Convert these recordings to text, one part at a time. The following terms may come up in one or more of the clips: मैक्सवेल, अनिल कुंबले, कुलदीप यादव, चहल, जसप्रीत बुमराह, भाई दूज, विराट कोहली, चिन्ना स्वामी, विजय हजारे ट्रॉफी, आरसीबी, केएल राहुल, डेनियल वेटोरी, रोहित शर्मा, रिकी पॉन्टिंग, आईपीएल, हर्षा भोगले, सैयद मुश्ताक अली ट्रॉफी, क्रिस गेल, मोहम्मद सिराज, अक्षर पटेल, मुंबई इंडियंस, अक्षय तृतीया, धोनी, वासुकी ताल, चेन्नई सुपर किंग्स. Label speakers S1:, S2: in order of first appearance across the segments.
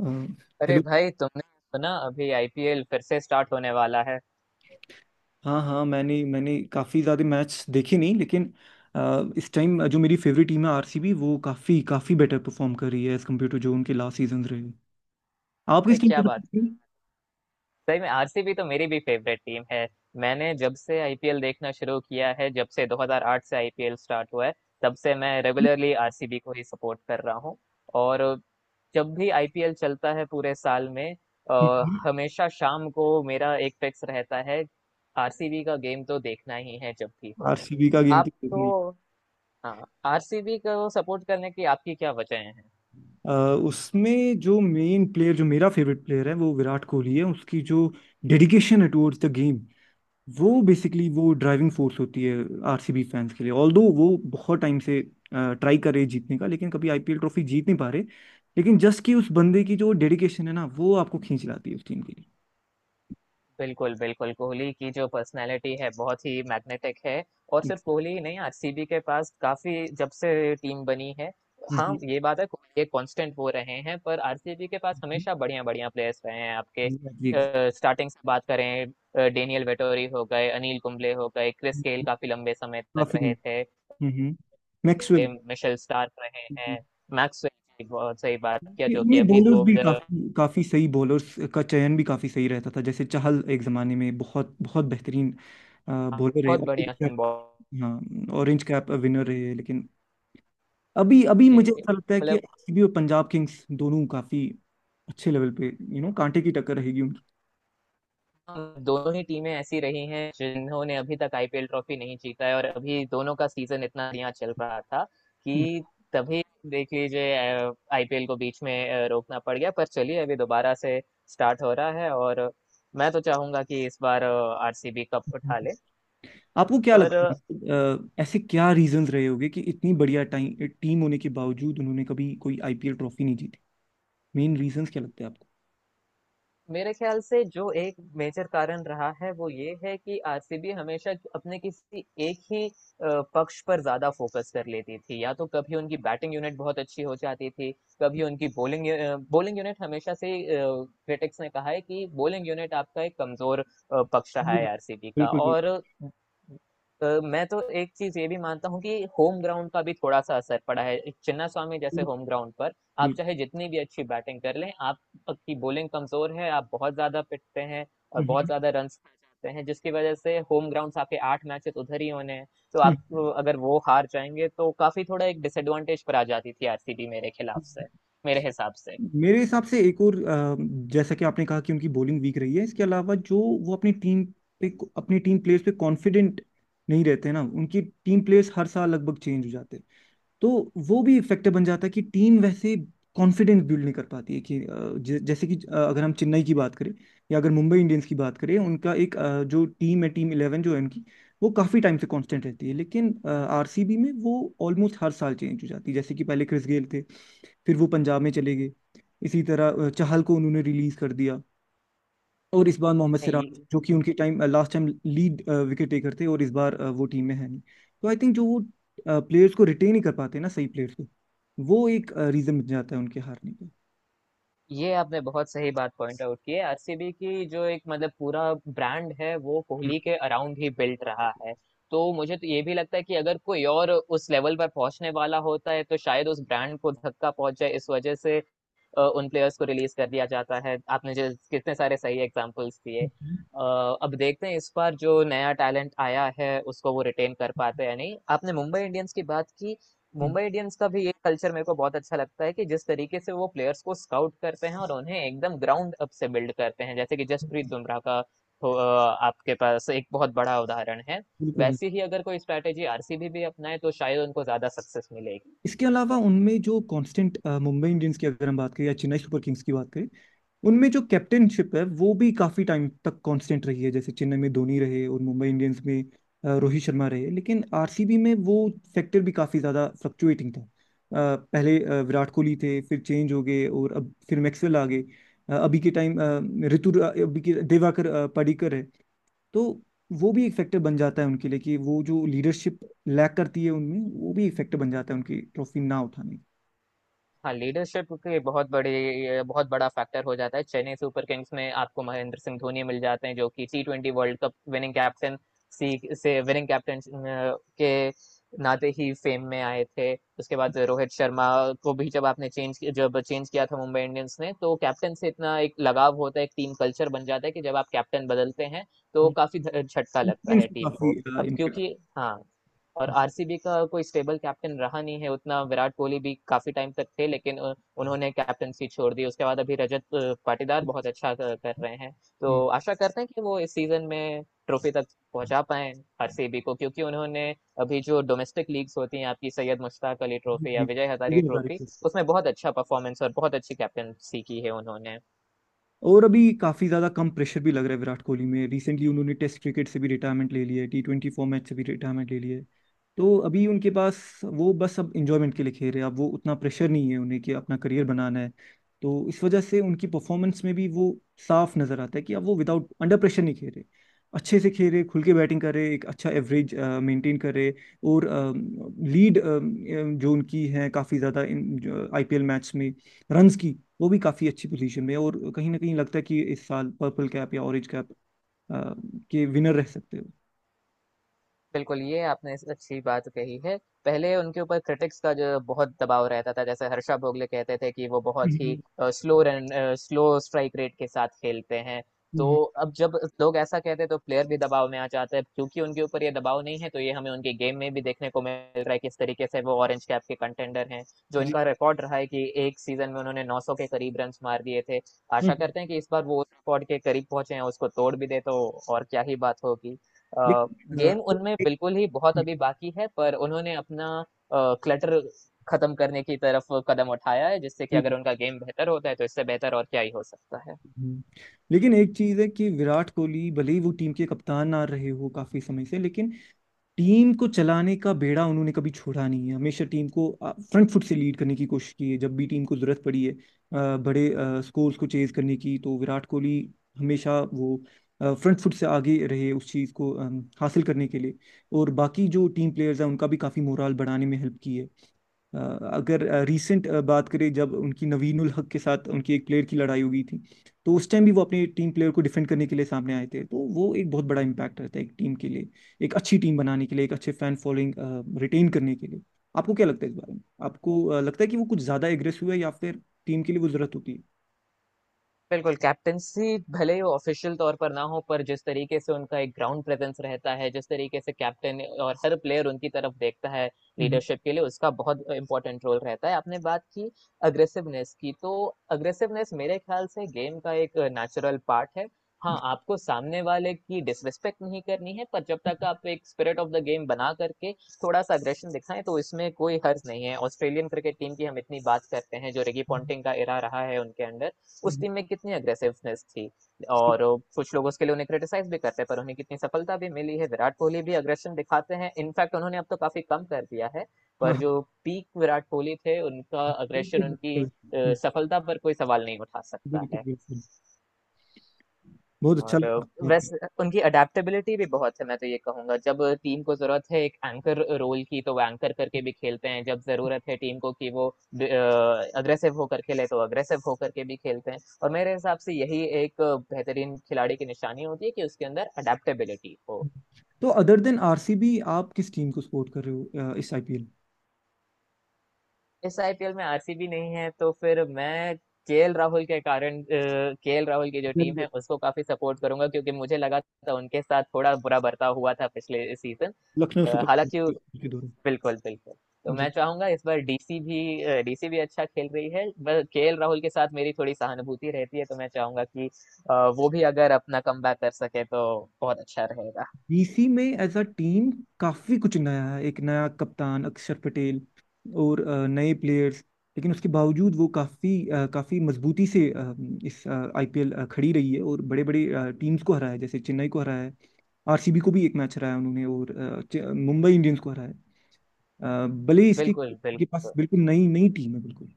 S1: अ,
S2: अरे
S1: हेलो।
S2: भाई तुमने सुना अभी आईपीएल फिर से स्टार्ट होने वाला है।
S1: हाँ हाँ, मैंने मैंने काफ़ी ज़्यादा मैच देखे नहीं लेकिन इस टाइम जो मेरी फेवरेट टीम है आरसीबी, वो काफ़ी काफ़ी बेटर परफॉर्म कर रही है एज़ कम्पेयर टू जो उनके लास्ट सीजन रहे। आप
S2: अरे
S1: किस टीम
S2: क्या
S1: को
S2: बात।
S1: सपोर्ट?
S2: सही में आरसीबी तो मेरी भी फेवरेट टीम है। मैंने जब से आईपीएल देखना शुरू किया है, जब से 2008 से आईपीएल स्टार्ट हुआ है, तब से मैं रेगुलरली आरसीबी को ही सपोर्ट कर रहा हूँ। और जब भी आईपीएल चलता है पूरे साल में, हमेशा शाम को मेरा एक फिक्स रहता है, आरसीबी का गेम तो देखना ही है जब भी हो।
S1: आरसीबी का गेम तो
S2: आप
S1: देखना ही।
S2: तो, हाँ, आरसीबी को सपोर्ट करने की आपकी क्या वजह है?
S1: अ, उसमें जो मेन प्लेयर, जो मेरा फेवरेट प्लेयर है, वो विराट कोहली है। उसकी जो डेडिकेशन है टुवर्ड्स द गेम, वो बेसिकली वो ड्राइविंग फोर्स होती है आरसीबी फैंस के लिए। ऑल्दो वो बहुत टाइम से ट्राई कर रहे हैं जीतने का, लेकिन कभी आईपीएल ट्रॉफी जीत नहीं पा रहे। लेकिन जस्ट कि उस बंदे की जो डेडिकेशन है ना, वो आपको खींच लाती है उस टीम के लिए।
S2: बिल्कुल, बिल्कुल। कोहली की जो पर्सनैलिटी है बहुत ही मैग्नेटिक है, और
S1: हम्म,
S2: सिर्फ़ कोहली ही नहीं, आरसीबी के पास काफ़ी, जब से टीम बनी है। हाँ,
S1: हम्म,
S2: ये बात है, कोहली एक कांस्टेंट वो रहे हैं, पर आरसीबी के पास
S1: हम्म,
S2: हमेशा बढ़िया-बढ़िया प्लेयर्स रहे हैं। आपके
S1: exactly।
S2: स्टार्टिंग से बात करें, डेनियल वेटोरी हो गए, अनिल कुंबले हो गए, क्रिस गेल काफ़ी लंबे समय तक
S1: काफी।
S2: रहे थे,
S1: हम्म।
S2: ए,
S1: मैक्सवेल।
S2: मिशेल स्टार्क रहे हैं। मैक्सवेल की बहुत सही बात किया,
S1: ये
S2: जो कि
S1: ये
S2: अभी
S1: बॉलर्स
S2: तो
S1: भी,
S2: बहुत
S1: काफी काफी सही बॉलर्स का चयन भी काफी सही रहता था। जैसे चहल एक जमाने में बहुत बहुत बेहतरीन बॉलर रहे
S2: बढ़िया
S1: और, हाँ, ऑरेंज कैप विनर रहे। लेकिन अभी अभी
S2: जी,
S1: मुझे
S2: जी।
S1: ऐसा लगता है कि
S2: मतलब,
S1: आरसीबी और पंजाब किंग्स दोनों काफी अच्छे लेवल पे, यू नो, कांटे की टक्कर रहेगी उनकी।
S2: दोनों ही टीमें ऐसी रही हैं जिन्होंने अभी तक आईपीएल ट्रॉफी नहीं जीता है, और अभी दोनों का सीजन इतना बढ़िया चल रहा था कि तभी देख लीजिए, आईपीएल को बीच में रोकना पड़ गया। पर चलिए, अभी दोबारा से स्टार्ट हो रहा है, और मैं तो चाहूंगा कि इस बार आरसीबी कप उठा
S1: हम्म।
S2: ले।
S1: आपको क्या
S2: पर
S1: लगता है, ऐसे क्या रीजंस रहे होंगे कि इतनी बढ़िया टाइम टीम होने के बावजूद उन्होंने कभी कोई आईपीएल ट्रॉफी नहीं जीती? मेन रीजंस क्या लगते हैं आपको?
S2: मेरे ख्याल से जो एक मेजर कारण रहा है, वो ये है कि आरसीबी हमेशा अपने किसी एक ही पक्ष पर ज्यादा फोकस कर लेती थी। या तो कभी उनकी बैटिंग यूनिट बहुत अच्छी हो जाती थी, कभी उनकी बॉलिंग। बॉलिंग यूनिट हमेशा से क्रिटिक्स ने कहा है कि बॉलिंग यूनिट आपका एक कमजोर पक्ष रहा है आरसीबी का।
S1: बिल्कुल बिल्कुल
S2: और मैं तो एक चीज ये भी मानता हूँ कि होम ग्राउंड का भी थोड़ा सा असर पड़ा है। चिन्ना स्वामी जैसे होम ग्राउंड पर आप
S1: बिल्कुल।
S2: चाहे जितनी भी अच्छी बैटिंग कर लें, आप की बॉलिंग कमजोर है, आप बहुत ज्यादा पिटते हैं, और बहुत
S1: हम्म,
S2: ज्यादा रन खा जाते हैं। जिसकी वजह से, होम ग्राउंड आपके 8 मैचेस उधर ही होने हैं, तो आप तो
S1: हम्म,
S2: अगर वो हार जाएंगे तो काफी, थोड़ा एक डिसएडवांटेज पर आ जाती थी आरसीबी, मेरे खिलाफ से, मेरे हिसाब से।
S1: मेरे हिसाब से एक और, जैसा कि आपने कहा कि उनकी बॉलिंग वीक रही है, इसके अलावा जो वो अपनी टीम पे, अपनी टीम प्लेयर्स पे कॉन्फिडेंट नहीं रहते ना। उनकी टीम प्लेयर्स हर साल लगभग चेंज हो जाते हैं तो वो भी फैक्टर बन जाता है कि टीम वैसे कॉन्फिडेंस बिल्ड नहीं कर पाती है कि जैसे कि अगर हम चेन्नई की बात करें, या अगर मुंबई इंडियंस की बात करें, उनका एक जो टीम है, टीम 11 जो है उनकी, वो काफ़ी टाइम से कांस्टेंट रहती है। लेकिन आरसीबी में वो ऑलमोस्ट हर साल चेंज हो जाती है। जैसे कि पहले क्रिस गेल थे, फिर वो पंजाब में चले गए। इसी तरह चहल को उन्होंने रिलीज कर दिया। और इस बार मोहम्मद
S2: ये
S1: सिराज, जो कि उनके time last time lead wicket taker थे, और इस बार वो टीम में है नहीं। तो आई थिंक जो वो प्लेयर्स को रिटेन ही कर पाते हैं ना, सही प्लेयर्स को, वो एक रीजन बन जाता है उनके हारने का।
S2: ये आपने बहुत सही बात पॉइंट आउट की है। आरसीबी की जो एक, मतलब, पूरा ब्रांड है, वो कोहली के अराउंड ही बिल्ट रहा है। तो मुझे तो ये भी लगता है कि अगर कोई और उस लेवल पर पहुंचने वाला होता है तो शायद उस ब्रांड को धक्का पहुंच जाए। इस वजह से उन प्लेयर्स को रिलीज कर दिया जाता है। आपने जो कितने सारे सही एग्जांपल्स दिए,
S1: हम्म,
S2: अब देखते हैं इस बार जो नया टैलेंट आया है उसको वो रिटेन कर पाते हैं या नहीं। आपने मुंबई इंडियंस की बात की,
S1: हम्म,
S2: मुंबई इंडियंस का भी ये कल्चर मेरे को बहुत अच्छा लगता है कि जिस तरीके से वो प्लेयर्स को स्काउट करते हैं और उन्हें एकदम ग्राउंड अप से बिल्ड करते हैं। जैसे कि जसप्रीत बुमराह का आपके पास एक बहुत बड़ा उदाहरण है।
S1: बिल्कुल।
S2: वैसी ही अगर कोई स्ट्रैटेजी आरसीबी भी अपनाए तो शायद उनको ज्यादा सक्सेस मिलेगी।
S1: इसके अलावा उनमें जो कांस्टेंट, मुंबई इंडियंस की अगर हम बात करें या चेन्नई सुपर किंग्स की बात करें, उनमें जो कैप्टनशिप है वो भी काफी टाइम तक कांस्टेंट रही है। जैसे चेन्नई में धोनी रहे और मुंबई इंडियंस में रोहित शर्मा रहे। लेकिन आरसीबी में वो फैक्टर भी काफी ज्यादा फ्लक्चुएटिंग था। पहले विराट कोहली थे, फिर चेंज हो गए और अब फिर मैक्सवेल आ गए। अभी के टाइम ऋतु अभी के दिवाकर पडिक्कर है। तो वो भी एक फैक्टर बन जाता है उनके लिए कि वो जो लीडरशिप लैक करती है उनमें, वो भी एक फैक्टर बन जाता है उनकी ट्रॉफी ना उठाने का।
S2: हाँ, लीडरशिप के बहुत बड़े, ये बहुत बड़ा फैक्टर हो जाता है। चेन्नई सुपर किंग्स में आपको महेंद्र सिंह धोनी मिल जाते हैं, जो कि टी20 वर्ल्ड कप विनिंग कैप्टन, सी से विनिंग कैप्टन के नाते ही फेम में आए थे। उसके बाद रोहित शर्मा को भी जब आपने चेंज किया था मुंबई इंडियंस ने, तो कैप्टन से इतना एक लगाव होता है, एक टीम कल्चर बन जाता है कि जब आप कैप्टन बदलते हैं, तो
S1: हम्म।
S2: काफी झटका लगता
S1: Confidence
S2: है
S1: पे
S2: टीम
S1: काफी
S2: को। अब
S1: इम्पैक्ट।
S2: क्योंकि, हाँ, और आरसीबी का कोई स्टेबल कैप्टन रहा नहीं है उतना। विराट कोहली भी काफी टाइम तक थे, लेकिन उन्होंने कैप्टनसी छोड़ दी। उसके बाद अभी रजत पाटीदार बहुत अच्छा कर रहे हैं। तो आशा करते हैं कि वो इस सीजन में ट्रॉफी तक पहुंचा पाए आरसीबी को, क्योंकि उन्होंने अभी जो डोमेस्टिक लीग्स होती हैं आपकी, सैयद मुश्ताक अली ट्रॉफी या
S1: जी,
S2: विजय हजारे
S1: ये बात
S2: ट्रॉफी,
S1: है।
S2: उसमें बहुत अच्छा परफॉर्मेंस और बहुत अच्छी कैप्टनसी की है उन्होंने।
S1: और अभी काफी ज्यादा कम प्रेशर भी लग रहा है विराट कोहली में। रिसेंटली उन्होंने टेस्ट क्रिकेट से भी रिटायरमेंट ले लिया है, टी 20 फॉर्मेट से भी रिटायरमेंट ले लिया है। तो अभी उनके पास, वो बस अब इंजॉयमेंट के लिए खेल रहे हैं। अब वो उतना प्रेशर नहीं है उन्हें कि अपना करियर बनाना है। तो इस वजह से उनकी परफॉर्मेंस में भी वो साफ नजर आता है कि अब वो विदाउट अंडर प्रेशर नहीं खेल रहे, अच्छे से खेल रहे, खुल के बैटिंग कर रहे, एक अच्छा एवरेज मेंटेन कर रहे। और लीड जो उनकी है काफ़ी ज़्यादा इन आईपीएल मैच में रन्स की, वो भी काफ़ी अच्छी पोजीशन में है। और कहीं ना कहीं लगता है कि इस साल पर्पल कैप या ऑरेंज कैप आ, के विनर रह सकते हो।
S2: बिल्कुल, ये आपने इस अच्छी बात कही है। पहले उनके ऊपर क्रिटिक्स का जो बहुत दबाव रहता था, जैसे हर्षा भोगले कहते थे कि वो बहुत ही
S1: हम्म,
S2: स्लो स्ट्राइक रेट के साथ खेलते हैं। तो
S1: हम्म,
S2: अब जब लोग ऐसा कहते हैं तो प्लेयर भी दबाव में आ जाते हैं। क्योंकि उनके ऊपर ये दबाव नहीं है तो ये हमें उनके गेम में भी देखने को मिल रहा है, किस तरीके से वो ऑरेंज कैप के कंटेंडर हैं। जो
S1: जी,
S2: इनका रिकॉर्ड रहा है कि 1 सीज़न में उन्होंने 900 के करीब रन्स मार दिए थे। आशा
S1: हम्म।
S2: करते हैं कि इस बार वो उस रिकॉर्ड के करीब पहुँचे हैं, उसको तोड़ भी दें तो और क्या ही बात होगी। अ,
S1: लेकिन अ,
S2: गेम उनमें
S1: एक-
S2: बिल्कुल ही बहुत अभी बाकी है, पर उन्होंने अपना क्लटर खत्म करने की तरफ कदम उठाया है, जिससे कि
S1: जी,
S2: अगर उनका गेम बेहतर होता है तो इससे बेहतर और क्या ही हो सकता है।
S1: हम्म। लेकिन एक चीज है कि विराट कोहली भले ही वो टीम के कप्तान ना रहे हो काफी समय से, लेकिन टीम को चलाने का बेड़ा उन्होंने कभी छोड़ा नहीं है। हमेशा टीम को फ्रंट फुट से लीड करने की कोशिश की है, जब भी टीम को जरूरत पड़ी है बड़े स्कोर्स को चेज करने की, तो विराट कोहली हमेशा वो फ्रंट फुट से आगे रहे उस चीज़ को हासिल करने के लिए। और बाकी जो टीम प्लेयर्स हैं उनका भी काफ़ी मोराल बढ़ाने में हेल्प की है। अ, अगर रीसेंट बात करें, जब उनकी नवीनुल हक के साथ उनकी एक प्लेयर की लड़ाई हो गई थी, तो उस टाइम भी वो अपनी टीम प्लेयर को डिफेंड करने के लिए सामने आए थे। तो वो एक बहुत बड़ा इम्पैक्ट रहता है एक टीम के लिए, एक अच्छी टीम बनाने के लिए, एक अच्छे फैन फॉलोइंग रिटेन करने के लिए। आपको क्या लगता है इस बारे में? आपको लगता है कि वो कुछ ज्यादा एग्रेसिव है या फिर टीम के लिए वो जरूरत होती है?
S2: बिल्कुल, कैप्टेंसी भले ही ऑफिशियल तौर पर ना हो, पर जिस तरीके से उनका एक ग्राउंड प्रेजेंस रहता है, जिस तरीके से कैप्टन और हर प्लेयर उनकी तरफ देखता है लीडरशिप के लिए, उसका बहुत इंपॉर्टेंट रोल रहता है। आपने बात की अग्रेसिवनेस की, तो अग्रेसिवनेस मेरे ख्याल से गेम का एक नेचुरल पार्ट है। हाँ, आपको सामने वाले की डिसरिस्पेक्ट नहीं करनी है, पर जब तक आप एक स्पिरिट ऑफ द गेम बना करके थोड़ा सा अग्रेशन दिखाएं तो इसमें कोई हर्ज नहीं है। ऑस्ट्रेलियन क्रिकेट टीम की हम इतनी बात करते हैं, जो रिकी पॉन्टिंग का इरा रहा है उनके अंडर, उस टीम में कितनी अग्रेसिवनेस थी, और कुछ लोग उसके लिए उन्हें क्रिटिसाइज भी करते हैं, पर उन्हें कितनी सफलता भी मिली है। विराट कोहली भी अग्रेशन दिखाते हैं, इनफैक्ट उन्होंने अब तो काफी कम कर दिया है,
S1: हाँ
S2: पर
S1: हाँ,
S2: जो पीक विराट कोहली थे, उनका अग्रेशन,
S1: बिल्कुल
S2: उनकी सफलता पर कोई सवाल नहीं उठा सकता
S1: बिल्कुल
S2: है।
S1: बिल्कुल। बहुत अच्छा
S2: और
S1: लगा आपसे बात करके।
S2: वैसे उनकी अडेप्टेबिलिटी भी बहुत है। मैं तो ये कहूंगा, जब टीम को जरूरत है एक एंकर रोल की तो वो एंकर करके भी खेलते हैं, जब जरूरत है टीम को कि वो अग्रेसिव होकर खेले तो अग्रेसिव होकर के भी खेलते हैं। और मेरे हिसाब से यही एक बेहतरीन खिलाड़ी की निशानी होती है कि उसके अंदर अडेप्टेबिलिटी हो।
S1: तो अदर देन आरसीबी, आप किस टीम को सपोर्ट कर रहे हो इस आईपीएल?
S2: इस आईपीएल में आरसीबी नहीं है तो फिर मैं केएल राहुल के कारण, केएल राहुल की जो
S1: वेरी
S2: टीम है
S1: गुड।
S2: उसको काफी सपोर्ट करूंगा, क्योंकि मुझे लगा था उनके साथ थोड़ा बुरा बर्ताव हुआ था पिछले सीजन।
S1: लखनऊ सुपर
S2: हालांकि,
S1: किंग्स के दौरान।
S2: बिल्कुल, बिल्कुल। तो मैं
S1: जी।
S2: चाहूंगा, इस बार डीसी भी अच्छा खेल रही है, बस केएल राहुल के साथ मेरी थोड़ी सहानुभूति रहती है, तो मैं चाहूंगा कि वो भी अगर अपना कमबैक कर सके तो बहुत अच्छा रहेगा।
S1: बीसी में एज अ टीम काफी कुछ नया है। एक नया कप्तान अक्षर पटेल और नए प्लेयर्स। लेकिन उसके बावजूद वो काफी काफी मजबूती से इस आईपीएल खड़ी रही है, और बड़े बड़े टीम्स को हराया है। जैसे चेन्नई को हराया है, आरसीबी को भी एक मैच हराया उन्होंने, और मुंबई इंडियंस को हराया है। भले इसके
S2: बिल्कुल,
S1: के पास
S2: बिल्कुल।
S1: बिल्कुल नई नई टीम है। बिल्कुल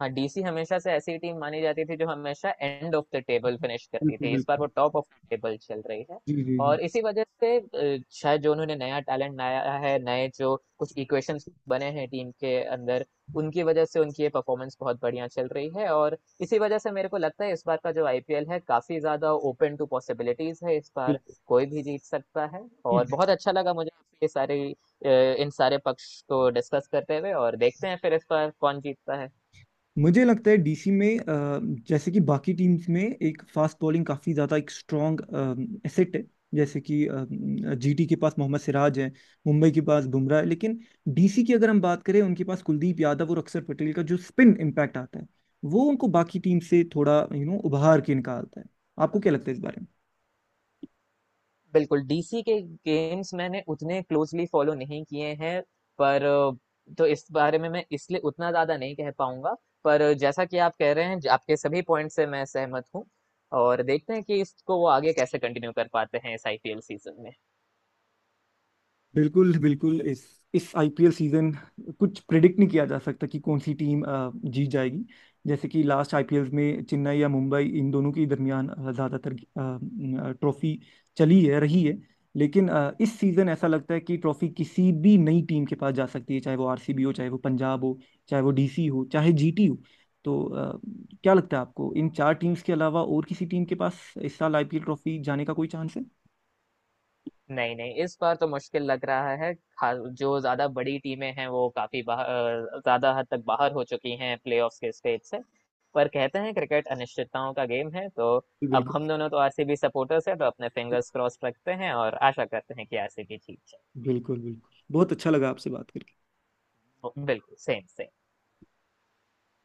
S2: हाँ, डीसी हमेशा से ऐसी टीम मानी जाती थी जो हमेशा end of the table finish करती
S1: बिल्कुल
S2: थी, इस बार वो
S1: बिल्कुल।
S2: टॉप ऑफ द टेबल चल रही है।
S1: जी जी जी।
S2: और इसी वजह से शायद जो उन्होंने नया टैलेंट लाया है, नए जो कुछ इक्वेशंस बने हैं टीम के अंदर, उनकी वजह से उनकी ये परफॉर्मेंस बहुत बढ़िया चल रही है। और इसी वजह से मेरे को लगता है इस बार का जो आईपीएल है, काफी ज्यादा ओपन टू पॉसिबिलिटीज है इस बार, कोई भी जीत सकता है। और
S1: बिल्कुल।
S2: बहुत अच्छा लगा मुझे ये सारे, इन सारे पक्ष को डिस्कस करते हुए, और देखते हैं फिर इस बार कौन जीतता है।
S1: मुझे लगता है डीसी में, जैसे कि बाकी टीम्स में एक फास्ट बॉलिंग काफ़ी ज़्यादा एक स्ट्रॉन्ग एसेट है। जैसे कि जीटी के पास मोहम्मद सिराज है, मुंबई के पास बुमराह है। लेकिन डीसी की अगर हम बात करें, उनके पास कुलदीप यादव और अक्षर पटेल का जो स्पिन इम्पैक्ट आता है, वो उनको बाकी टीम से थोड़ा, यू नो, उभार के निकालता है। आपको क्या लगता है इस बारे में?
S2: बिल्कुल, डीसी के गेम्स मैंने उतने क्लोजली फॉलो नहीं किए हैं, पर अ, तो इस बारे में मैं इसलिए उतना ज्यादा नहीं कह पाऊंगा, पर जैसा कि आप कह रहे हैं, आपके सभी पॉइंट से मैं सहमत हूँ, और देखते हैं कि इसको वो आगे कैसे कंटिन्यू कर पाते हैं इस आईपीएल सीजन में।
S1: बिल्कुल बिल्कुल। इस आईपीएल सीजन कुछ प्रिडिक्ट नहीं किया जा सकता कि कौन सी टीम जीत जाएगी। जैसे कि लास्ट आईपीएल में चेन्नई या मुंबई, इन दोनों के दरमियान ज्यादातर ट्रॉफी चली है रही है। लेकिन इस सीजन ऐसा लगता है कि ट्रॉफी किसी भी नई टीम के पास जा सकती है, चाहे वो आरसीबी हो, चाहे वो पंजाब हो, चाहे वो डीसी हो, चाहे जीटी हो। तो क्या लगता है आपको इन चार टीम्स के अलावा और किसी टीम के पास इस साल आईपीएल ट्रॉफी जाने का कोई चांस है?
S2: नहीं, नहीं, इस बार तो मुश्किल लग रहा है। खा- जो ज्यादा बड़ी टीमें हैं वो काफी बाहर, ज्यादा हद तक बाहर हो चुकी हैं प्लेऑफ्स के स्टेज से। पर कहते हैं क्रिकेट अनिश्चितताओं का गेम है, तो अब
S1: बिल्कुल
S2: हम दोनों तो आरसीबी सपोर्टर्स हैं, तो अपने फिंगर्स क्रॉस रखते हैं और आशा करते हैं कि आरसीबी जीत
S1: बिल्कुल बिल्कुल। बहुत अच्छा लगा आपसे बात करके।
S2: जाए। बिल्कुल, सेम सेम।